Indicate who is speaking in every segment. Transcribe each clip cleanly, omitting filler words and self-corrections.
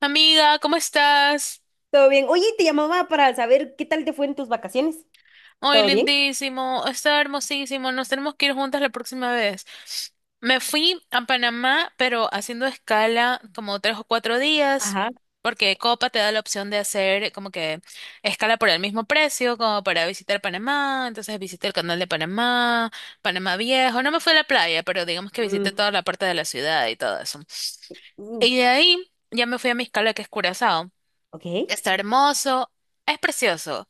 Speaker 1: Amiga, ¿cómo estás?
Speaker 2: Todo bien. Oye, te llamaba para saber qué tal te fue en tus vacaciones.
Speaker 1: Hoy
Speaker 2: ¿Todo bien?
Speaker 1: lindísimo, está hermosísimo, nos tenemos que ir juntas la próxima vez. Me fui a Panamá, pero haciendo escala como 3 o 4 días,
Speaker 2: Ajá.
Speaker 1: porque Copa te da la opción de hacer como que escala por el mismo precio, como para visitar Panamá, entonces visité el canal de Panamá, Panamá Viejo, no me fui a la playa, pero digamos que visité
Speaker 2: Mm,
Speaker 1: toda la parte de la ciudad y todo eso.
Speaker 2: mm,
Speaker 1: Y de ahí ya me fui a mi escala que es Curazao.
Speaker 2: ok.
Speaker 1: Está hermoso, es precioso.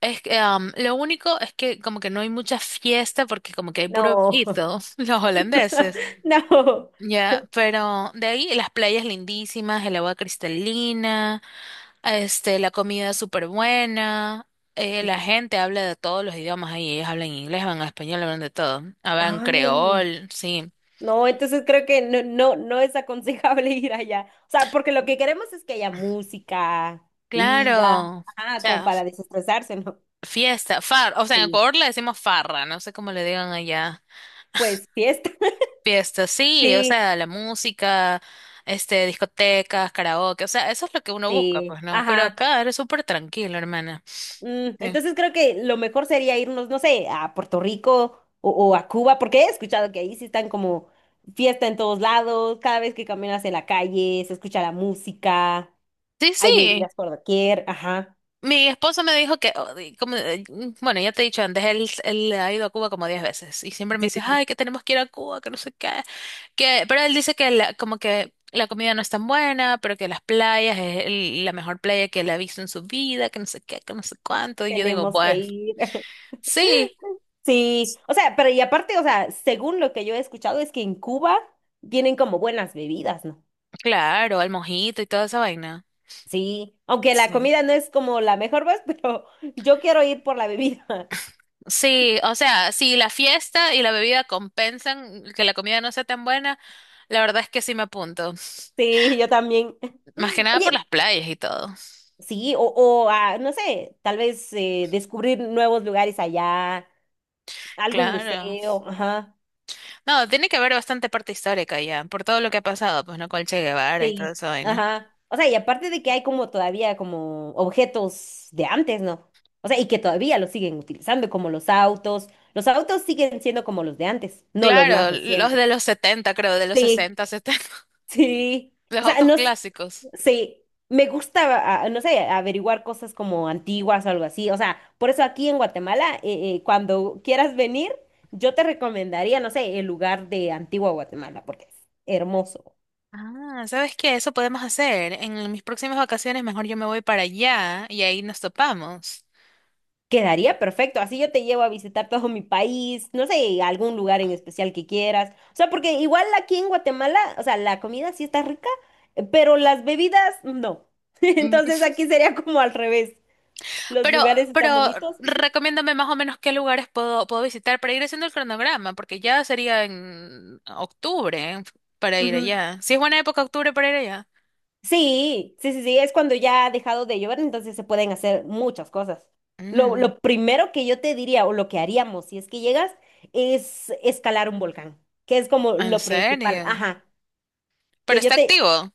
Speaker 1: Es que, lo único es que como que no hay mucha fiesta porque como que hay puro
Speaker 2: No,
Speaker 1: viejito, los holandeses.
Speaker 2: no.
Speaker 1: Ya, pero de ahí las playas lindísimas, el agua cristalina, la comida súper buena, la gente habla de todos los idiomas ahí, ellos hablan inglés, hablan español, hablan de todo, hablan
Speaker 2: No,
Speaker 1: creol, sí,
Speaker 2: no, entonces creo que no, no, no es aconsejable ir allá. O sea, porque lo que queremos es que haya música, vida,
Speaker 1: claro, o
Speaker 2: ajá, como
Speaker 1: sea,
Speaker 2: para desestresarse, ¿no?
Speaker 1: fiesta, o sea, en
Speaker 2: Sí.
Speaker 1: Ecuador le decimos farra, no sé cómo le digan allá.
Speaker 2: Pues fiesta.
Speaker 1: Fiestas, sí, o
Speaker 2: Sí,
Speaker 1: sea, la música, discotecas, karaoke, o sea, eso es lo que uno busca,
Speaker 2: sí.
Speaker 1: pues no, pero
Speaker 2: Ajá.
Speaker 1: acá eres súper tranquilo, hermana.
Speaker 2: Mm,
Speaker 1: Sí.
Speaker 2: entonces creo que lo mejor sería irnos, no sé, a Puerto Rico o a Cuba, porque he escuchado que ahí sí están como fiesta en todos lados, cada vez que caminas en la calle se escucha la música,
Speaker 1: Sí,
Speaker 2: hay
Speaker 1: sí.
Speaker 2: bebidas por doquier, ajá.
Speaker 1: Mi esposo me dijo que, oh, y como, bueno, ya te he dicho antes, él ha ido a Cuba como 10 veces y siempre me
Speaker 2: Sí,
Speaker 1: dice, ay, que tenemos que ir a Cuba, que no sé qué, pero él dice que como que la comida no es tan buena, pero que las playas es la mejor playa que él ha visto en su vida, que no sé qué, que no sé cuánto, y yo digo,
Speaker 2: tenemos que
Speaker 1: bueno,
Speaker 2: ir.
Speaker 1: sí,
Speaker 2: Sí, o sea, pero y aparte, o sea, según lo que yo he escuchado es que en Cuba tienen como buenas bebidas, ¿no?
Speaker 1: claro, el mojito y toda esa vaina.
Speaker 2: Sí, aunque la
Speaker 1: Sí.
Speaker 2: comida no es como la mejor, pues, pero yo quiero ir por la bebida.
Speaker 1: Sí, o sea, si la fiesta y la bebida compensan que la comida no sea tan buena, la verdad es que sí me apunto.
Speaker 2: Sí, yo también.
Speaker 1: Más que nada por
Speaker 2: Oye,
Speaker 1: las playas y todo.
Speaker 2: sí, o no sé, tal vez descubrir nuevos lugares allá, algún
Speaker 1: Claro.
Speaker 2: museo, ajá,
Speaker 1: No, tiene que haber bastante parte histórica ya, por todo lo que ha pasado, pues no, con Che Guevara y toda
Speaker 2: sí,
Speaker 1: esa vaina.
Speaker 2: ajá. O sea, y aparte de que hay como todavía como objetos de antes, ¿no? O sea, y que todavía los siguen utilizando, como los autos. Los autos siguen siendo como los de antes, no los más
Speaker 1: Claro, los de
Speaker 2: recientes.
Speaker 1: los 70, creo, de los
Speaker 2: Sí,
Speaker 1: 60, 70,
Speaker 2: sí.
Speaker 1: los
Speaker 2: O sea,
Speaker 1: autos
Speaker 2: no,
Speaker 1: clásicos.
Speaker 2: sí, me gusta, ah, no sé, averiguar cosas como antiguas o algo así. O sea, por eso aquí en Guatemala, cuando quieras venir, yo te recomendaría, no sé, el lugar de Antigua Guatemala, porque es hermoso.
Speaker 1: Ah, ¿sabes qué? Eso podemos hacer. En mis próximas vacaciones, mejor yo me voy para allá y ahí nos topamos.
Speaker 2: Quedaría perfecto. Así yo te llevo a visitar todo mi país, no sé, algún lugar en especial que quieras. O sea, porque igual aquí en Guatemala, o sea, la comida sí está rica, pero las bebidas no. Entonces aquí sería como al revés. Los
Speaker 1: Pero,
Speaker 2: lugares están
Speaker 1: pero
Speaker 2: bonitos. Ujú,
Speaker 1: recomiéndame más o menos qué lugares puedo visitar para ir haciendo el cronograma, porque ya sería en octubre para ir
Speaker 2: ujú,
Speaker 1: allá. Si es buena época octubre para ir allá.
Speaker 2: sí, sí, sí, sí, es cuando ya ha dejado de llover, entonces se pueden hacer muchas cosas. Lo,
Speaker 1: Mm,
Speaker 2: lo primero que yo te diría o lo que haríamos si es que llegas es escalar un volcán, que es como
Speaker 1: ¿en
Speaker 2: lo principal,
Speaker 1: serio?
Speaker 2: ajá,
Speaker 1: Pero
Speaker 2: que yo
Speaker 1: está
Speaker 2: te,
Speaker 1: activo.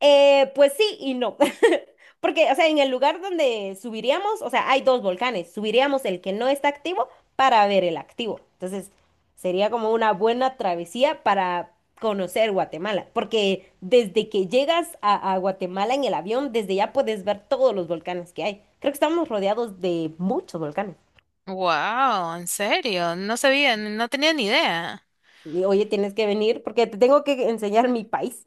Speaker 2: pues sí y no. Porque, o sea, en el lugar donde subiríamos, o sea, hay dos volcanes. Subiríamos el que no está activo para ver el activo. Entonces, sería como una buena travesía para conocer Guatemala. Porque desde que llegas a Guatemala en el avión, desde ya puedes ver todos los volcanes que hay. Creo que estamos rodeados de muchos volcanes.
Speaker 1: Wow, en serio, no sabía, no tenía ni idea.
Speaker 2: Y, oye, tienes que venir porque te tengo que enseñar mi país.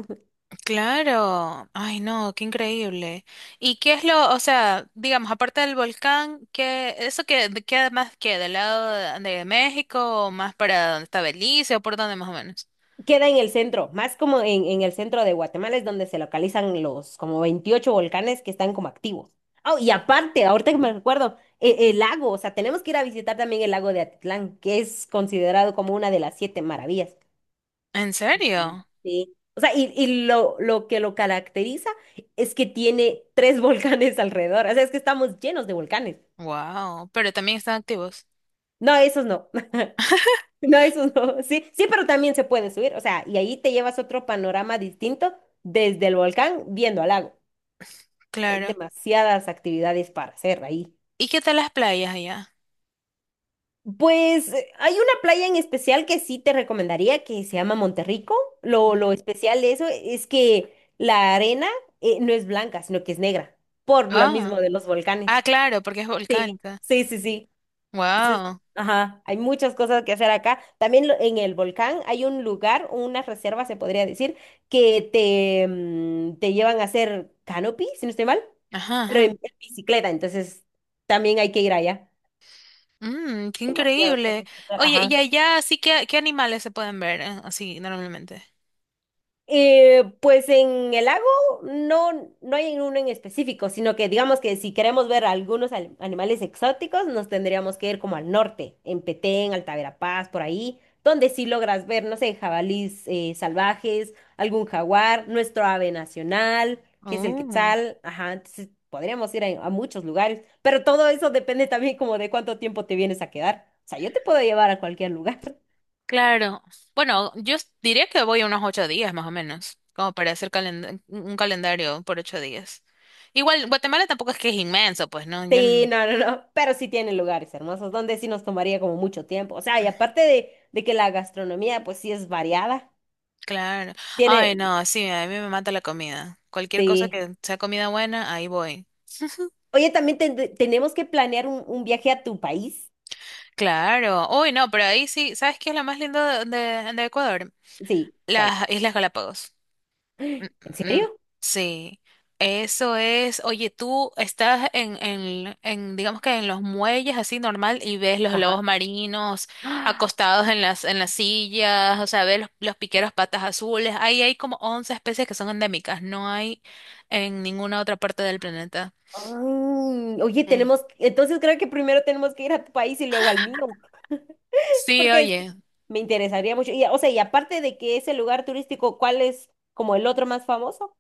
Speaker 1: Claro, ay no, qué increíble. ¿Y qué es lo, o sea, digamos, aparte del volcán, qué, eso que de ¿qué más queda del lado de México, o más para donde está Belice o por dónde más o menos?
Speaker 2: Queda en el centro, más como en, el centro de Guatemala es donde se localizan los como 28 volcanes que están como activos. Oh, y aparte, ahorita que me recuerdo, el lago, o sea, tenemos que ir a visitar también el lago de Atitlán, que es considerado como una de las siete maravillas.
Speaker 1: ¿En serio?
Speaker 2: Sí. O sea, y lo que lo caracteriza es que tiene tres volcanes alrededor, o sea, es que estamos llenos de volcanes.
Speaker 1: Wow, pero también están activos.
Speaker 2: No, esos no. No, eso no. Sí, sí, pero también se puede subir. O sea, y ahí te llevas otro panorama distinto desde el volcán viendo al lago. Hay
Speaker 1: Claro.
Speaker 2: demasiadas actividades para hacer ahí.
Speaker 1: ¿Y qué tal las playas allá?
Speaker 2: Pues hay una playa en especial que sí te recomendaría que se llama Monterrico. Lo
Speaker 1: Ujú.
Speaker 2: especial de eso es que la arena no es blanca, sino que es negra, por lo
Speaker 1: Ah,
Speaker 2: mismo de los volcanes.
Speaker 1: ah, claro, porque es
Speaker 2: Sí,
Speaker 1: volcánica.
Speaker 2: sí, sí, sí.
Speaker 1: Wow.
Speaker 2: Ajá, hay muchas cosas que hacer acá. También en el volcán hay un lugar, una reserva, se podría decir, que te llevan a hacer canopy, si no estoy mal,
Speaker 1: Ajá,
Speaker 2: pero en,
Speaker 1: ajá.
Speaker 2: en bicicleta, entonces también hay que ir allá.
Speaker 1: Mm, qué
Speaker 2: Demasiadas
Speaker 1: increíble.
Speaker 2: cosas que hacer,
Speaker 1: Oye,
Speaker 2: ajá.
Speaker 1: y allá sí que qué animales se pueden ver así normalmente.
Speaker 2: Pues en el lago no hay uno en específico, sino que digamos que si queremos ver algunos animales exóticos, nos tendríamos que ir como al norte, en Petén, Alta Verapaz, por ahí, donde sí logras ver, no sé, jabalís salvajes, algún jaguar, nuestro ave nacional, que es el
Speaker 1: Uh,
Speaker 2: quetzal, ajá, entonces podríamos ir a muchos lugares, pero todo eso depende también como de cuánto tiempo te vienes a quedar. O sea, yo te puedo llevar a cualquier lugar.
Speaker 1: claro. Bueno, yo diría que voy unos 8 días más o menos, como para hacer un calendario por 8 días. Igual, Guatemala tampoco es que es inmenso, pues, ¿no? Yo no-
Speaker 2: Sí, no, no, no, pero sí tiene lugares hermosos donde sí nos tomaría como mucho tiempo. O sea, y aparte de que la gastronomía pues sí es variada,
Speaker 1: Claro. Ay,
Speaker 2: tiene,
Speaker 1: no, sí, a mí me mata la comida. Cualquier cosa
Speaker 2: sí.
Speaker 1: que sea comida buena, ahí voy.
Speaker 2: Oye, también tenemos que planear un viaje a tu país.
Speaker 1: Claro. Uy, no, pero ahí sí, ¿sabes qué es lo más lindo de Ecuador?
Speaker 2: Sí, ¿cuál?
Speaker 1: Las Islas Galápagos. Mm,
Speaker 2: ¿En
Speaker 1: mm, mm.
Speaker 2: serio?
Speaker 1: Sí. Eso es, oye, tú estás en, digamos que en los muelles así normal y ves los
Speaker 2: Ajá.
Speaker 1: lobos marinos acostados en las sillas, o sea, ves los piqueros patas azules. Ahí hay como 11 especies que son endémicas, no hay en ninguna otra parte del planeta.
Speaker 2: Ay, oye,
Speaker 1: Sí,
Speaker 2: tenemos, entonces creo que primero tenemos que ir a tu país y luego al mío,
Speaker 1: sí,
Speaker 2: porque sí,
Speaker 1: oye.
Speaker 2: me interesaría mucho. Y, o sea, y aparte de que ese lugar turístico, ¿cuál es como el otro más famoso?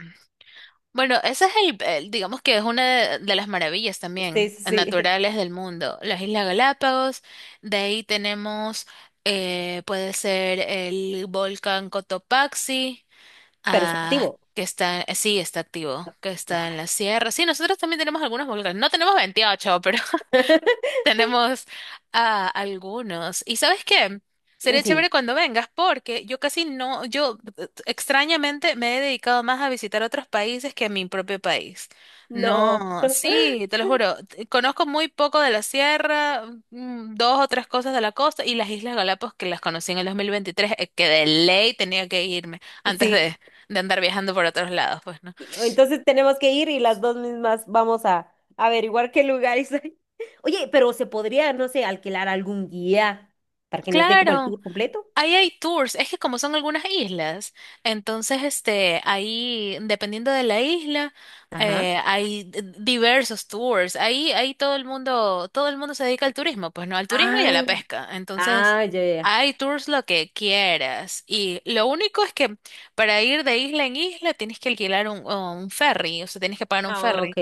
Speaker 1: Bueno, ese es digamos que es una de las maravillas
Speaker 2: Sí,
Speaker 1: también
Speaker 2: sí, sí,
Speaker 1: naturales del mundo, las Islas Galápagos. De ahí tenemos, puede ser el volcán Cotopaxi,
Speaker 2: pero está
Speaker 1: ah,
Speaker 2: activo.
Speaker 1: que está, sí, está activo, que está en
Speaker 2: Ah.
Speaker 1: la sierra. Sí, nosotros también tenemos algunos volcanes. No tenemos 28, pero tenemos a algunos. ¿Y sabes qué? Sería chévere
Speaker 2: Sí.
Speaker 1: cuando vengas porque yo casi no, yo extrañamente me he dedicado más a visitar otros países que a mi propio país.
Speaker 2: No,
Speaker 1: No, sí, te lo juro. Conozco muy poco de la sierra, dos o tres cosas de la costa y las Islas Galápagos que las conocí en el 2023, que de ley tenía que irme antes
Speaker 2: sí.
Speaker 1: de, andar viajando por otros lados, pues, ¿no?
Speaker 2: Entonces tenemos que ir y las dos mismas vamos a averiguar qué lugares hay. Oye, pero se podría, no sé, alquilar algún guía para que nos dé como el
Speaker 1: Claro.
Speaker 2: tour completo.
Speaker 1: Ahí hay tours, es que como son algunas islas, entonces ahí, dependiendo de la isla,
Speaker 2: Ajá.
Speaker 1: hay diversos tours. Ahí, ahí todo el mundo se dedica al turismo, pues no, al turismo y a la
Speaker 2: Ah,
Speaker 1: pesca. Entonces,
Speaker 2: ah, ya, ya. Ya.
Speaker 1: hay tours lo que quieras. Y lo único es que para ir de isla en isla tienes que alquilar un ferry, o sea, tienes que pagar un
Speaker 2: Ah,
Speaker 1: ferry.
Speaker 2: ok.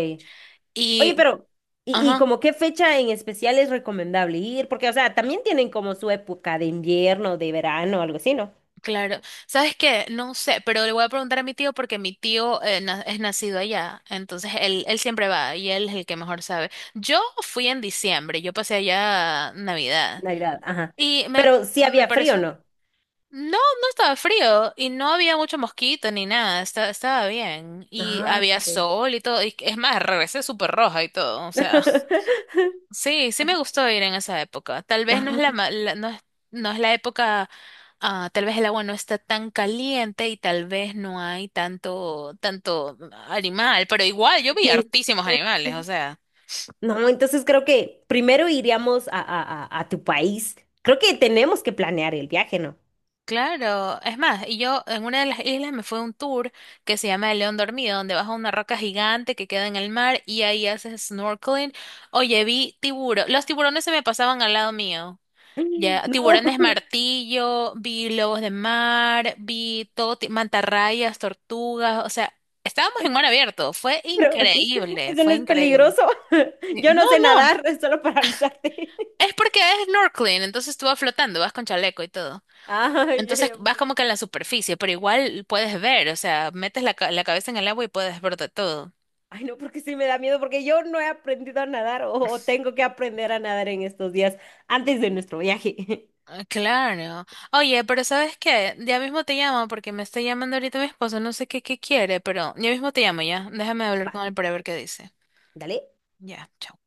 Speaker 2: Oye,
Speaker 1: Y,
Speaker 2: pero, ¿y
Speaker 1: ajá.
Speaker 2: como qué fecha en especial es recomendable ir? Porque, o sea, también tienen como su época de invierno, de verano, algo así, ¿no?
Speaker 1: Claro, ¿sabes qué? No sé, pero le voy a preguntar a mi tío porque mi tío es nacido allá, entonces él siempre va y él es el que mejor sabe. Yo fui en diciembre, yo pasé allá Navidad
Speaker 2: Navidad, ajá.
Speaker 1: y me,
Speaker 2: Pero sí
Speaker 1: me
Speaker 2: había frío,
Speaker 1: pareció,
Speaker 2: ¿no?
Speaker 1: no, no estaba frío y no había mucho mosquito ni nada, estaba bien y
Speaker 2: Ah,
Speaker 1: había
Speaker 2: ok.
Speaker 1: sol y todo, y es más, regresé súper roja y todo, o sea. Sí, sí me gustó ir en esa época. Tal vez no es la,
Speaker 2: Ah,
Speaker 1: ma- la- no es, no es la época, ah, tal vez el agua no está tan caliente y tal vez no hay tanto, tanto animal, pero igual yo vi
Speaker 2: sí.
Speaker 1: hartísimos animales, o sea.
Speaker 2: No, entonces creo que primero iríamos a, a tu país. Creo que tenemos que planear el viaje, ¿no?
Speaker 1: Claro, es más, y yo en una de las islas me fue un tour que se llama El León Dormido, donde vas a una roca gigante que queda en el mar y ahí haces snorkeling. Oye, vi tiburón, los tiburones se me pasaban al lado mío. Ya,
Speaker 2: No,
Speaker 1: tiburones martillo, vi lobos de mar, vi todo, mantarrayas, tortugas, o sea, estábamos en
Speaker 2: oye,
Speaker 1: mar abierto, fue
Speaker 2: pero
Speaker 1: increíble,
Speaker 2: eso
Speaker 1: fue
Speaker 2: no es
Speaker 1: increíble.
Speaker 2: peligroso.
Speaker 1: Sí,
Speaker 2: Yo
Speaker 1: no,
Speaker 2: no sé
Speaker 1: no,
Speaker 2: nadar, es solo para avisarte.
Speaker 1: es porque es snorkeling, entonces tú vas flotando, vas con chaleco y todo.
Speaker 2: Ay, ya,
Speaker 1: Entonces
Speaker 2: ya.
Speaker 1: vas como que en la superficie, pero igual puedes ver, o sea, metes la cabeza en el agua y puedes ver de todo.
Speaker 2: Ay, no, porque sí me da miedo, porque yo no he aprendido a nadar o tengo que aprender a nadar en estos días antes de nuestro viaje.
Speaker 1: Ah, claro. Oye, pero ¿sabes qué? Ya mismo te llamo porque me está llamando ahorita mi esposo, no sé qué, qué quiere, pero ya mismo te llamo ya. Déjame hablar
Speaker 2: Va,
Speaker 1: con él para ver qué dice.
Speaker 2: dale.
Speaker 1: Ya, chao.